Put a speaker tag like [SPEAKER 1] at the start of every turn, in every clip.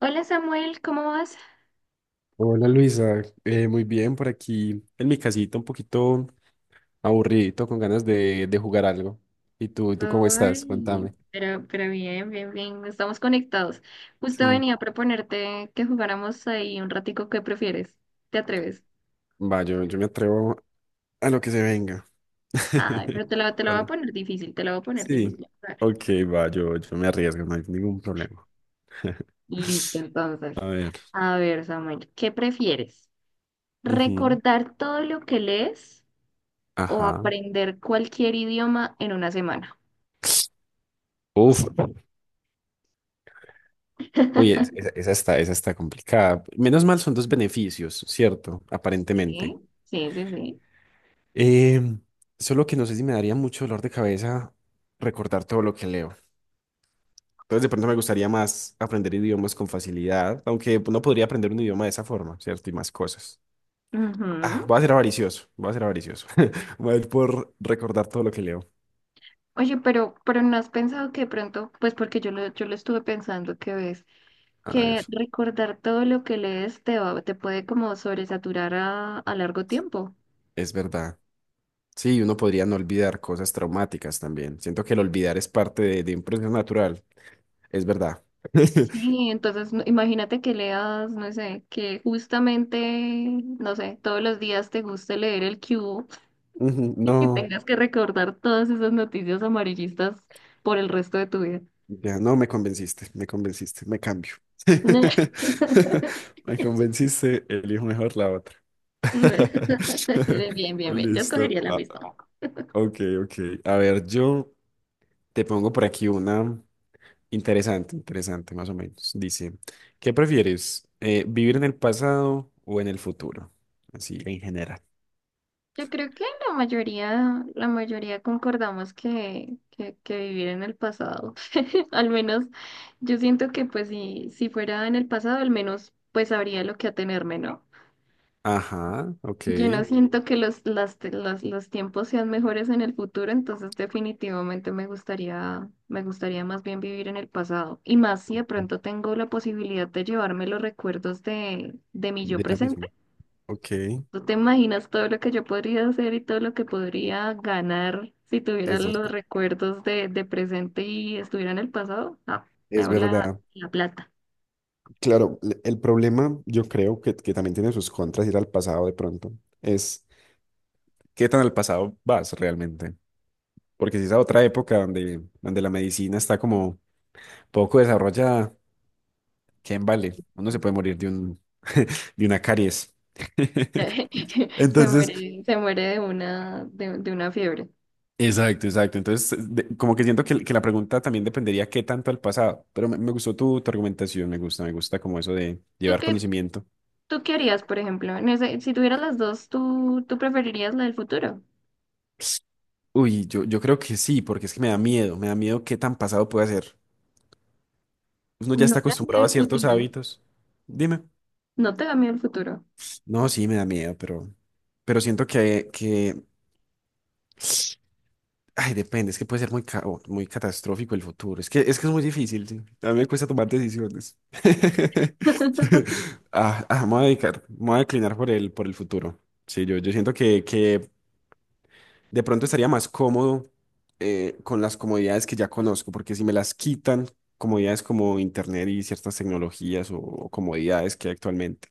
[SPEAKER 1] Hola Samuel, ¿cómo vas?
[SPEAKER 2] Hola Luisa. Muy bien por aquí en mi casita, un poquito aburridito, con ganas de jugar algo. Y tú cómo estás?
[SPEAKER 1] Ay,
[SPEAKER 2] Cuéntame.
[SPEAKER 1] pero bien, bien, bien, estamos conectados. Justo
[SPEAKER 2] Sí,
[SPEAKER 1] venía a proponerte que jugáramos ahí un ratico, ¿qué prefieres? ¿Te atreves?
[SPEAKER 2] va, yo me atrevo a lo que se venga.
[SPEAKER 1] Ay, pero te la voy a
[SPEAKER 2] Bueno,
[SPEAKER 1] poner difícil, te la voy a poner
[SPEAKER 2] sí,
[SPEAKER 1] difícil. A ver.
[SPEAKER 2] ok, va, yo me arriesgo, no hay ningún problema.
[SPEAKER 1] Listo, entonces.
[SPEAKER 2] A ver,
[SPEAKER 1] A ver, Samuel, ¿qué prefieres?
[SPEAKER 2] ujú,
[SPEAKER 1] ¿Recordar todo lo que lees o
[SPEAKER 2] ajá.
[SPEAKER 1] aprender cualquier idioma en una semana?
[SPEAKER 2] Uf, Esa, esa está complicada. Menos mal son dos beneficios, ¿cierto?
[SPEAKER 1] Sí,
[SPEAKER 2] Aparentemente.
[SPEAKER 1] sí, sí, sí.
[SPEAKER 2] Em, Solo que no sé si me daría mucho dolor de cabeza recordar todo lo que leo. Entonces, de pronto me gustaría más aprender idiomas con facilidad, aunque pues, no podría aprender un idioma de esa forma, ¿cierto? Y más cosas. Ah,
[SPEAKER 1] Ujú.
[SPEAKER 2] voy a ser avaricioso, voy a ser avaricioso. Voy a ir por recordar todo lo que leo.
[SPEAKER 1] Oye, pero no has pensado que de pronto, pues porque yo lo estuve pensando que ves,
[SPEAKER 2] A
[SPEAKER 1] que
[SPEAKER 2] ver,
[SPEAKER 1] recordar todo lo que lees te puede como sobresaturar a largo tiempo.
[SPEAKER 2] es verdad. Sí, uno podría no olvidar cosas traumáticas también. Siento que el olvidar es parte de un proceso natural. Es verdad.
[SPEAKER 1] Sí, entonces imagínate que leas, no sé, que justamente, no sé, todos los días te guste leer el cubo
[SPEAKER 2] Ujú,
[SPEAKER 1] y que
[SPEAKER 2] no.
[SPEAKER 1] tengas que recordar todas esas noticias amarillistas por el resto de tu vida.
[SPEAKER 2] Ya, no me convenciste, me convenciste, me cambio. Me convenciste, elijo mejor la otra.
[SPEAKER 1] No. Bien, bien, bien, yo escogería
[SPEAKER 2] Listo.
[SPEAKER 1] la
[SPEAKER 2] Ah,
[SPEAKER 1] misma.
[SPEAKER 2] ok, ok. A ver, yo te pongo por aquí una interesante, interesante, más o menos. Dice, ¿qué prefieres? ¿Vivir en el pasado o en el futuro? Así, en general.
[SPEAKER 1] Yo creo que la mayoría concordamos que, que vivir en el pasado. Al menos yo siento que pues si, si fuera en el pasado, al menos pues sabría lo que atenerme, ¿no?
[SPEAKER 2] Ajá, ok.
[SPEAKER 1] Yo no siento que los, los tiempos sean mejores en el futuro, entonces definitivamente me gustaría más bien vivir en el pasado. Y más si de pronto tengo la posibilidad de llevarme los recuerdos de mi yo
[SPEAKER 2] De ya mismo.
[SPEAKER 1] presente.
[SPEAKER 2] Ok, es
[SPEAKER 1] ¿Tú te imaginas todo lo que yo podría hacer y todo lo que podría ganar si tuviera los
[SPEAKER 2] verdad.
[SPEAKER 1] recuerdos de presente y estuviera en el pasado? No, me
[SPEAKER 2] Es
[SPEAKER 1] hago la,
[SPEAKER 2] verdad.
[SPEAKER 1] la plata.
[SPEAKER 2] Claro, el problema yo creo que también tiene sus contras ir al pasado de pronto. Es qué tan al pasado vas realmente. Porque si es a otra época donde, donde la medicina está como poco desarrollada, ¿quién vale? Uno se puede morir de un, de una caries. Entonces,
[SPEAKER 1] Se muere de una fiebre.
[SPEAKER 2] exacto, exacto. Entonces, como que siento que la pregunta también dependería qué tanto al pasado. Pero me gustó tu, tu argumentación, me gusta como eso de
[SPEAKER 1] ¿Tú
[SPEAKER 2] llevar
[SPEAKER 1] qué,
[SPEAKER 2] conocimiento.
[SPEAKER 1] tú qué harías, por ejemplo? Si tuvieras las dos, ¿tú, tú preferirías la del futuro?
[SPEAKER 2] Uy, yo creo que sí, porque es que me da miedo qué tan pasado puede ser. Uno ya
[SPEAKER 1] No
[SPEAKER 2] está
[SPEAKER 1] te da miedo
[SPEAKER 2] acostumbrado a
[SPEAKER 1] el
[SPEAKER 2] ciertos
[SPEAKER 1] futuro.
[SPEAKER 2] hábitos. Dime.
[SPEAKER 1] No te da miedo el futuro.
[SPEAKER 2] No, sí, me da miedo, pero siento que ay, depende, es que puede ser muy, o muy catastrófico el futuro. Es que, es que es muy difícil, sí. A mí me cuesta tomar decisiones. Ah, ah, me voy a dedicar, me voy a declinar por el futuro. Sí, yo siento que de pronto estaría más cómodo con las comodidades que ya conozco, porque si me las quitan, comodidades como internet y ciertas tecnologías o comodidades que hay actualmente,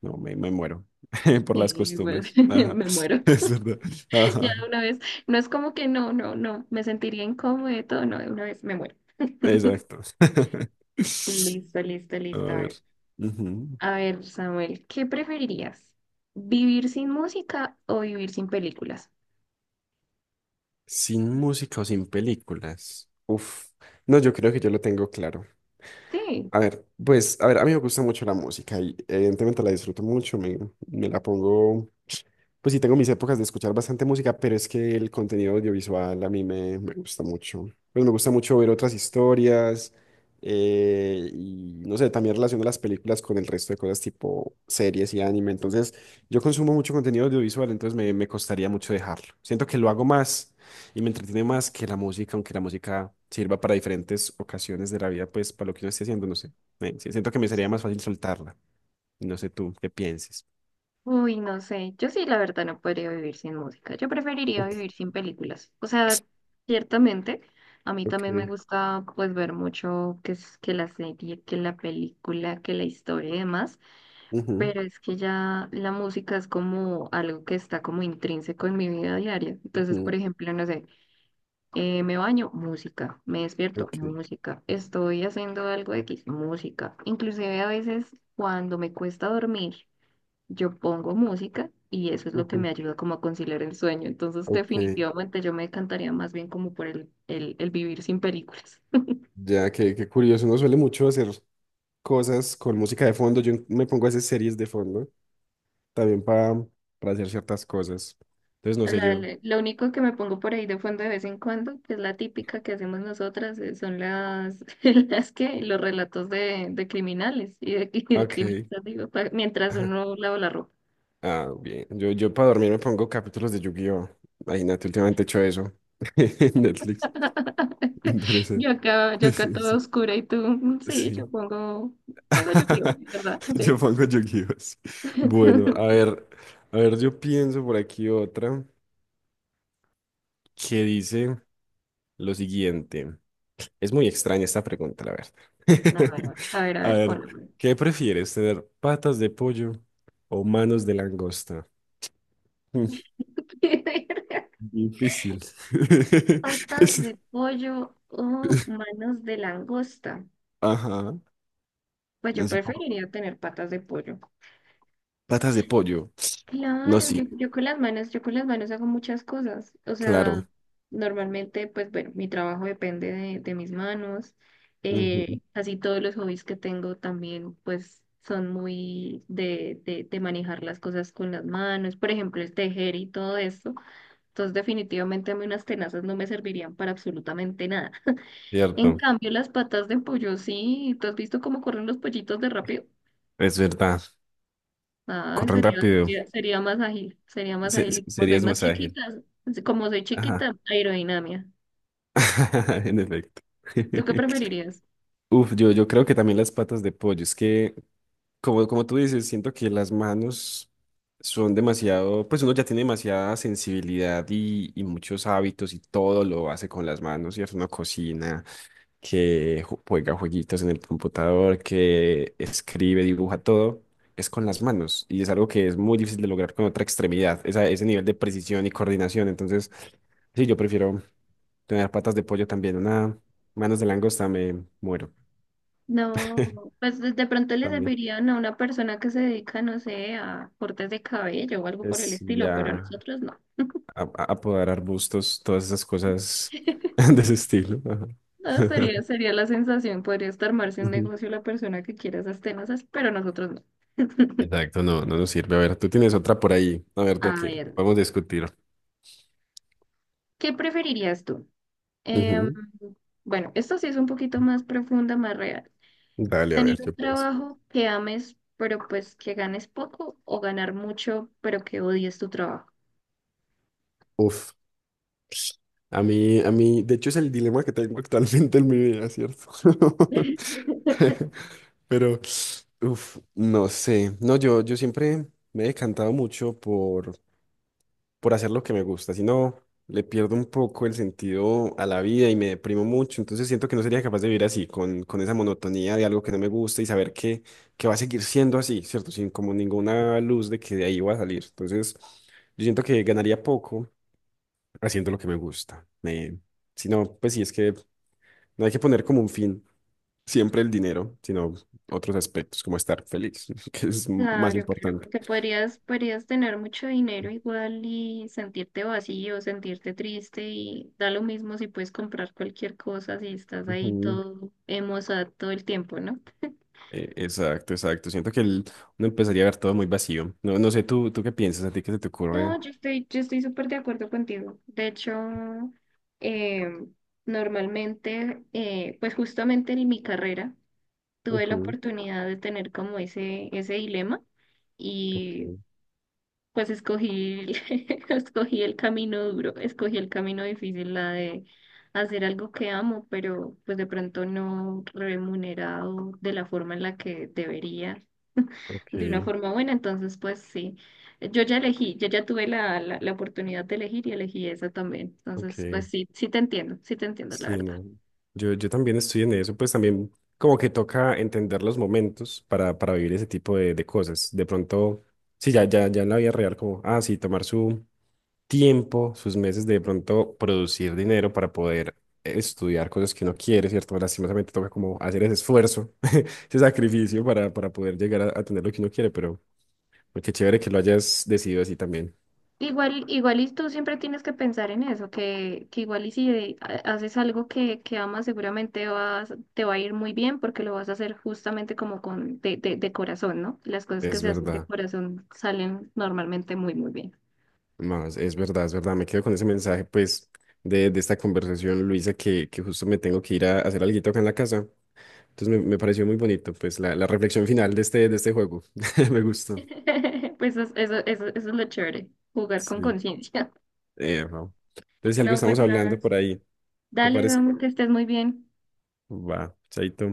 [SPEAKER 2] no, me muero por las
[SPEAKER 1] Sí, pues,
[SPEAKER 2] costumbres. Ajá,
[SPEAKER 1] me muero.
[SPEAKER 2] es verdad.
[SPEAKER 1] Ya
[SPEAKER 2] Ajá,
[SPEAKER 1] de una vez, no es como que no, no, no, me sentiría incómodo y todo, no, de una vez me muero.
[SPEAKER 2] exacto.
[SPEAKER 1] Listo, listo,
[SPEAKER 2] A
[SPEAKER 1] listo.
[SPEAKER 2] ver. Ujú.
[SPEAKER 1] A ver, Samuel, ¿qué preferirías? ¿Vivir sin música o vivir sin películas?
[SPEAKER 2] Sin música o sin películas. Uf. No, yo creo que yo lo tengo claro.
[SPEAKER 1] Sí,
[SPEAKER 2] A ver, pues, a ver, a mí me gusta mucho la música y evidentemente la disfruto mucho, me la pongo. Pues sí, tengo mis épocas de escuchar bastante música, pero es que el contenido audiovisual a mí me, me gusta mucho. Pues me gusta mucho ver otras historias, y no sé, también relaciono las películas con el resto de cosas tipo series y anime. Entonces, yo consumo mucho contenido audiovisual, entonces me costaría mucho dejarlo. Siento que lo hago más y me entretiene más que la música, aunque la música sirva para diferentes ocasiones de la vida, pues para lo que uno esté haciendo, no sé. Sí, siento que me sería más fácil soltarla. No sé tú qué pienses.
[SPEAKER 1] uy, no sé, yo sí, la verdad, no podría vivir sin música. Yo preferiría
[SPEAKER 2] Ok.
[SPEAKER 1] vivir sin películas. O sea, ciertamente, a mí también me
[SPEAKER 2] Ok.
[SPEAKER 1] gusta, pues, ver mucho que, que la serie, que la película, que la historia y demás.
[SPEAKER 2] Ujú.
[SPEAKER 1] Pero es que ya la música es como algo que está como intrínseco en mi vida diaria. Entonces, por
[SPEAKER 2] Mm,
[SPEAKER 1] ejemplo, no sé, me baño, música, me despierto,
[SPEAKER 2] ok,
[SPEAKER 1] música, estoy haciendo algo X, música. Inclusive a veces cuando me cuesta dormir, yo pongo música y eso es lo que
[SPEAKER 2] ujú,
[SPEAKER 1] me ayuda como a conciliar el sueño. Entonces,
[SPEAKER 2] ok.
[SPEAKER 1] definitivamente yo me decantaría más bien como por el vivir sin películas.
[SPEAKER 2] Ya, que qué qué curioso. Uno suele mucho hacer cosas con música de fondo. Yo me pongo a hacer series de fondo también para hacer ciertas cosas. Entonces, no sé, yo.
[SPEAKER 1] Lo único que me pongo por ahí de fondo de vez en cuando, que es la típica que hacemos nosotras, son las, las que, los relatos de criminales y de crímenes,
[SPEAKER 2] Ok.
[SPEAKER 1] digo, mientras uno lava la ropa.
[SPEAKER 2] Ah, bien. Yo para dormir me pongo capítulos de Yu-Gi-Oh! Ay, Nati, últimamente he hecho eso. En Netflix. Interesante.
[SPEAKER 1] Yo acá toda oscura y tú, sí, yo
[SPEAKER 2] Sí.
[SPEAKER 1] pongo, pongo yo ¿verdad?
[SPEAKER 2] Yo
[SPEAKER 1] Sí.
[SPEAKER 2] pongo Yu-Gi-Oh! Sí. Bueno, a ver. A ver, yo pienso por aquí otra que dice. Lo siguiente, es muy extraña esta pregunta, la verdad.
[SPEAKER 1] A ver, a ver, a
[SPEAKER 2] A
[SPEAKER 1] ver,
[SPEAKER 2] ver,
[SPEAKER 1] ponlo.
[SPEAKER 2] ¿qué prefieres, tener patas de pollo o manos de langosta? Mm, Difícil.
[SPEAKER 1] Patas de
[SPEAKER 2] Es-
[SPEAKER 1] pollo o manos de langosta.
[SPEAKER 2] Ajá,
[SPEAKER 1] Pues yo
[SPEAKER 2] así poco.
[SPEAKER 1] preferiría tener patas de pollo.
[SPEAKER 2] Patas de pollo. No,
[SPEAKER 1] Claro, yo,
[SPEAKER 2] sí,
[SPEAKER 1] yo con las manos, yo con las manos hago muchas cosas. O sea,
[SPEAKER 2] claro.
[SPEAKER 1] normalmente, pues bueno, mi trabajo depende de mis manos.
[SPEAKER 2] Ujú,
[SPEAKER 1] Así todos los hobbies que tengo también, pues son muy de, de manejar las cosas con las manos. Por ejemplo, el tejer y todo esto. Entonces, definitivamente a mí unas tenazas no me servirían para absolutamente nada. En
[SPEAKER 2] cierto,
[SPEAKER 1] cambio, las patas de pollo, sí. ¿Tú has visto cómo corren los pollitos de rápido?
[SPEAKER 2] es verdad.
[SPEAKER 1] Ah,
[SPEAKER 2] Corren
[SPEAKER 1] sería,
[SPEAKER 2] rápido.
[SPEAKER 1] sería, sería más ágil, sería más ágil. Y como soy
[SPEAKER 2] Serías
[SPEAKER 1] más
[SPEAKER 2] más ágil.
[SPEAKER 1] chiquita, como soy
[SPEAKER 2] Ajá,
[SPEAKER 1] chiquita, aerodinámica.
[SPEAKER 2] en efecto.
[SPEAKER 1] ¿Tú qué preferirías?
[SPEAKER 2] Uf, yo creo que también las patas de pollo. Es que como, como tú dices, siento que las manos son demasiado, pues uno ya tiene demasiada sensibilidad y muchos hábitos y todo lo hace con las manos, ¿cierto? Uno cocina, que juega jueguitos en el computador, que escribe, dibuja, todo es con las manos y es algo que es muy difícil de lograr con otra extremidad, ese nivel de precisión y coordinación. Entonces, sí, yo prefiero tener patas de pollo también, una manos de langosta me muero
[SPEAKER 1] No, pues de pronto le
[SPEAKER 2] también.
[SPEAKER 1] servirían a una persona que se dedica, no sé, a cortes de cabello o algo por el
[SPEAKER 2] Es
[SPEAKER 1] estilo, pero a
[SPEAKER 2] ya.
[SPEAKER 1] nosotros no.
[SPEAKER 2] Apoderar bustos, todas esas cosas de ese estilo. Ajá.
[SPEAKER 1] No, sería, sería la sensación, podrías armarse un
[SPEAKER 2] Ujú.
[SPEAKER 1] negocio la persona que quiera esas tenazas, pero nosotros no.
[SPEAKER 2] Exacto, no, no nos sirve. A ver, tú tienes otra por ahí, a ver
[SPEAKER 1] A
[SPEAKER 2] de qué
[SPEAKER 1] ver,
[SPEAKER 2] podemos discutir.
[SPEAKER 1] ¿qué preferirías tú? Em,
[SPEAKER 2] Ujú.
[SPEAKER 1] bueno, esto sí es un poquito más profunda, más real.
[SPEAKER 2] Dale, a
[SPEAKER 1] Tener
[SPEAKER 2] ver,
[SPEAKER 1] un
[SPEAKER 2] yo pienso.
[SPEAKER 1] trabajo que ames, pero pues que ganes poco o ganar mucho, pero que odies tu trabajo.
[SPEAKER 2] Uf, a mí, de hecho es el dilema que tengo actualmente en mi vida, ¿cierto? Pero, uf, no sé. No, yo siempre me he decantado mucho por hacer lo que me gusta, si no, le pierdo un poco el sentido a la vida y me deprimo mucho, entonces siento que no sería capaz de vivir así, con esa monotonía de algo que no me gusta y saber que va a seguir siendo así, ¿cierto? Sin como ninguna luz de que de ahí va a salir. Entonces, yo siento que ganaría poco haciendo lo que me gusta. Me, si no, pues sí, es que no hay que poner como un fin siempre el dinero, sino otros aspectos, como estar feliz, que es más
[SPEAKER 1] Claro, claro,
[SPEAKER 2] importante.
[SPEAKER 1] porque podrías, podrías tener mucho dinero igual y sentirte vacío, sentirte triste y da lo mismo si puedes comprar cualquier cosa, si estás ahí
[SPEAKER 2] Ujú.
[SPEAKER 1] todo emocionado todo el tiempo, ¿no?
[SPEAKER 2] Exacto, exacto. Siento que uno empezaría a ver todo muy vacío. No, no sé, tú qué piensas, a ti qué se te ocurre.
[SPEAKER 1] No, yo estoy súper de acuerdo contigo. De hecho, eh, normalmente, pues justamente en mi carrera, tuve la
[SPEAKER 2] Ujú,
[SPEAKER 1] oportunidad de tener como ese dilema y pues escogí, escogí el camino duro, escogí el camino difícil, la de hacer algo que amo, pero pues de pronto no remunerado de la forma en la que debería,
[SPEAKER 2] ok,
[SPEAKER 1] de una forma buena. Entonces, pues sí, yo ya elegí, yo ya tuve la oportunidad de elegir y elegí esa también. Entonces, pues
[SPEAKER 2] ok.
[SPEAKER 1] sí, sí te entiendo, la
[SPEAKER 2] Sí,
[SPEAKER 1] verdad.
[SPEAKER 2] no. Yo también estoy en eso, pues también como que toca entender los momentos para vivir ese tipo de cosas. De pronto, sí, ya, ya, ya en la vida real, como, ah, sí, tomar su, tiempo, sus meses de pronto producir dinero para poder estudiar cosas que uno quiere, ¿cierto? Lastimosamente toca como hacer ese esfuerzo, ese sacrificio para poder llegar a tener lo que uno quiere, pero qué chévere que lo hayas decidido así también.
[SPEAKER 1] Igual, igual y tú siempre tienes que pensar en eso, que igual y si haces algo que amas, seguramente vas, te va a ir muy bien porque lo vas a hacer justamente como con de, de corazón, ¿no? Las cosas que
[SPEAKER 2] Es
[SPEAKER 1] se hacen de
[SPEAKER 2] verdad,
[SPEAKER 1] corazón salen normalmente muy, muy bien.
[SPEAKER 2] más, es verdad, es verdad. Me quedo con ese mensaje, pues, de esta conversación, Luisa, que justo me tengo que ir a, hacer alguito acá en la casa. Entonces me pareció muy bonito, pues, la reflexión final de este juego. Me gustó.
[SPEAKER 1] Pues eso es lo chévere, jugar con
[SPEAKER 2] Sí.
[SPEAKER 1] conciencia.
[SPEAKER 2] No. Entonces, si algo
[SPEAKER 1] No, pues
[SPEAKER 2] estamos
[SPEAKER 1] nada.
[SPEAKER 2] hablando por ahí, ¿te
[SPEAKER 1] Dale,
[SPEAKER 2] parece?
[SPEAKER 1] Don, que estés muy bien.
[SPEAKER 2] Va, chaito.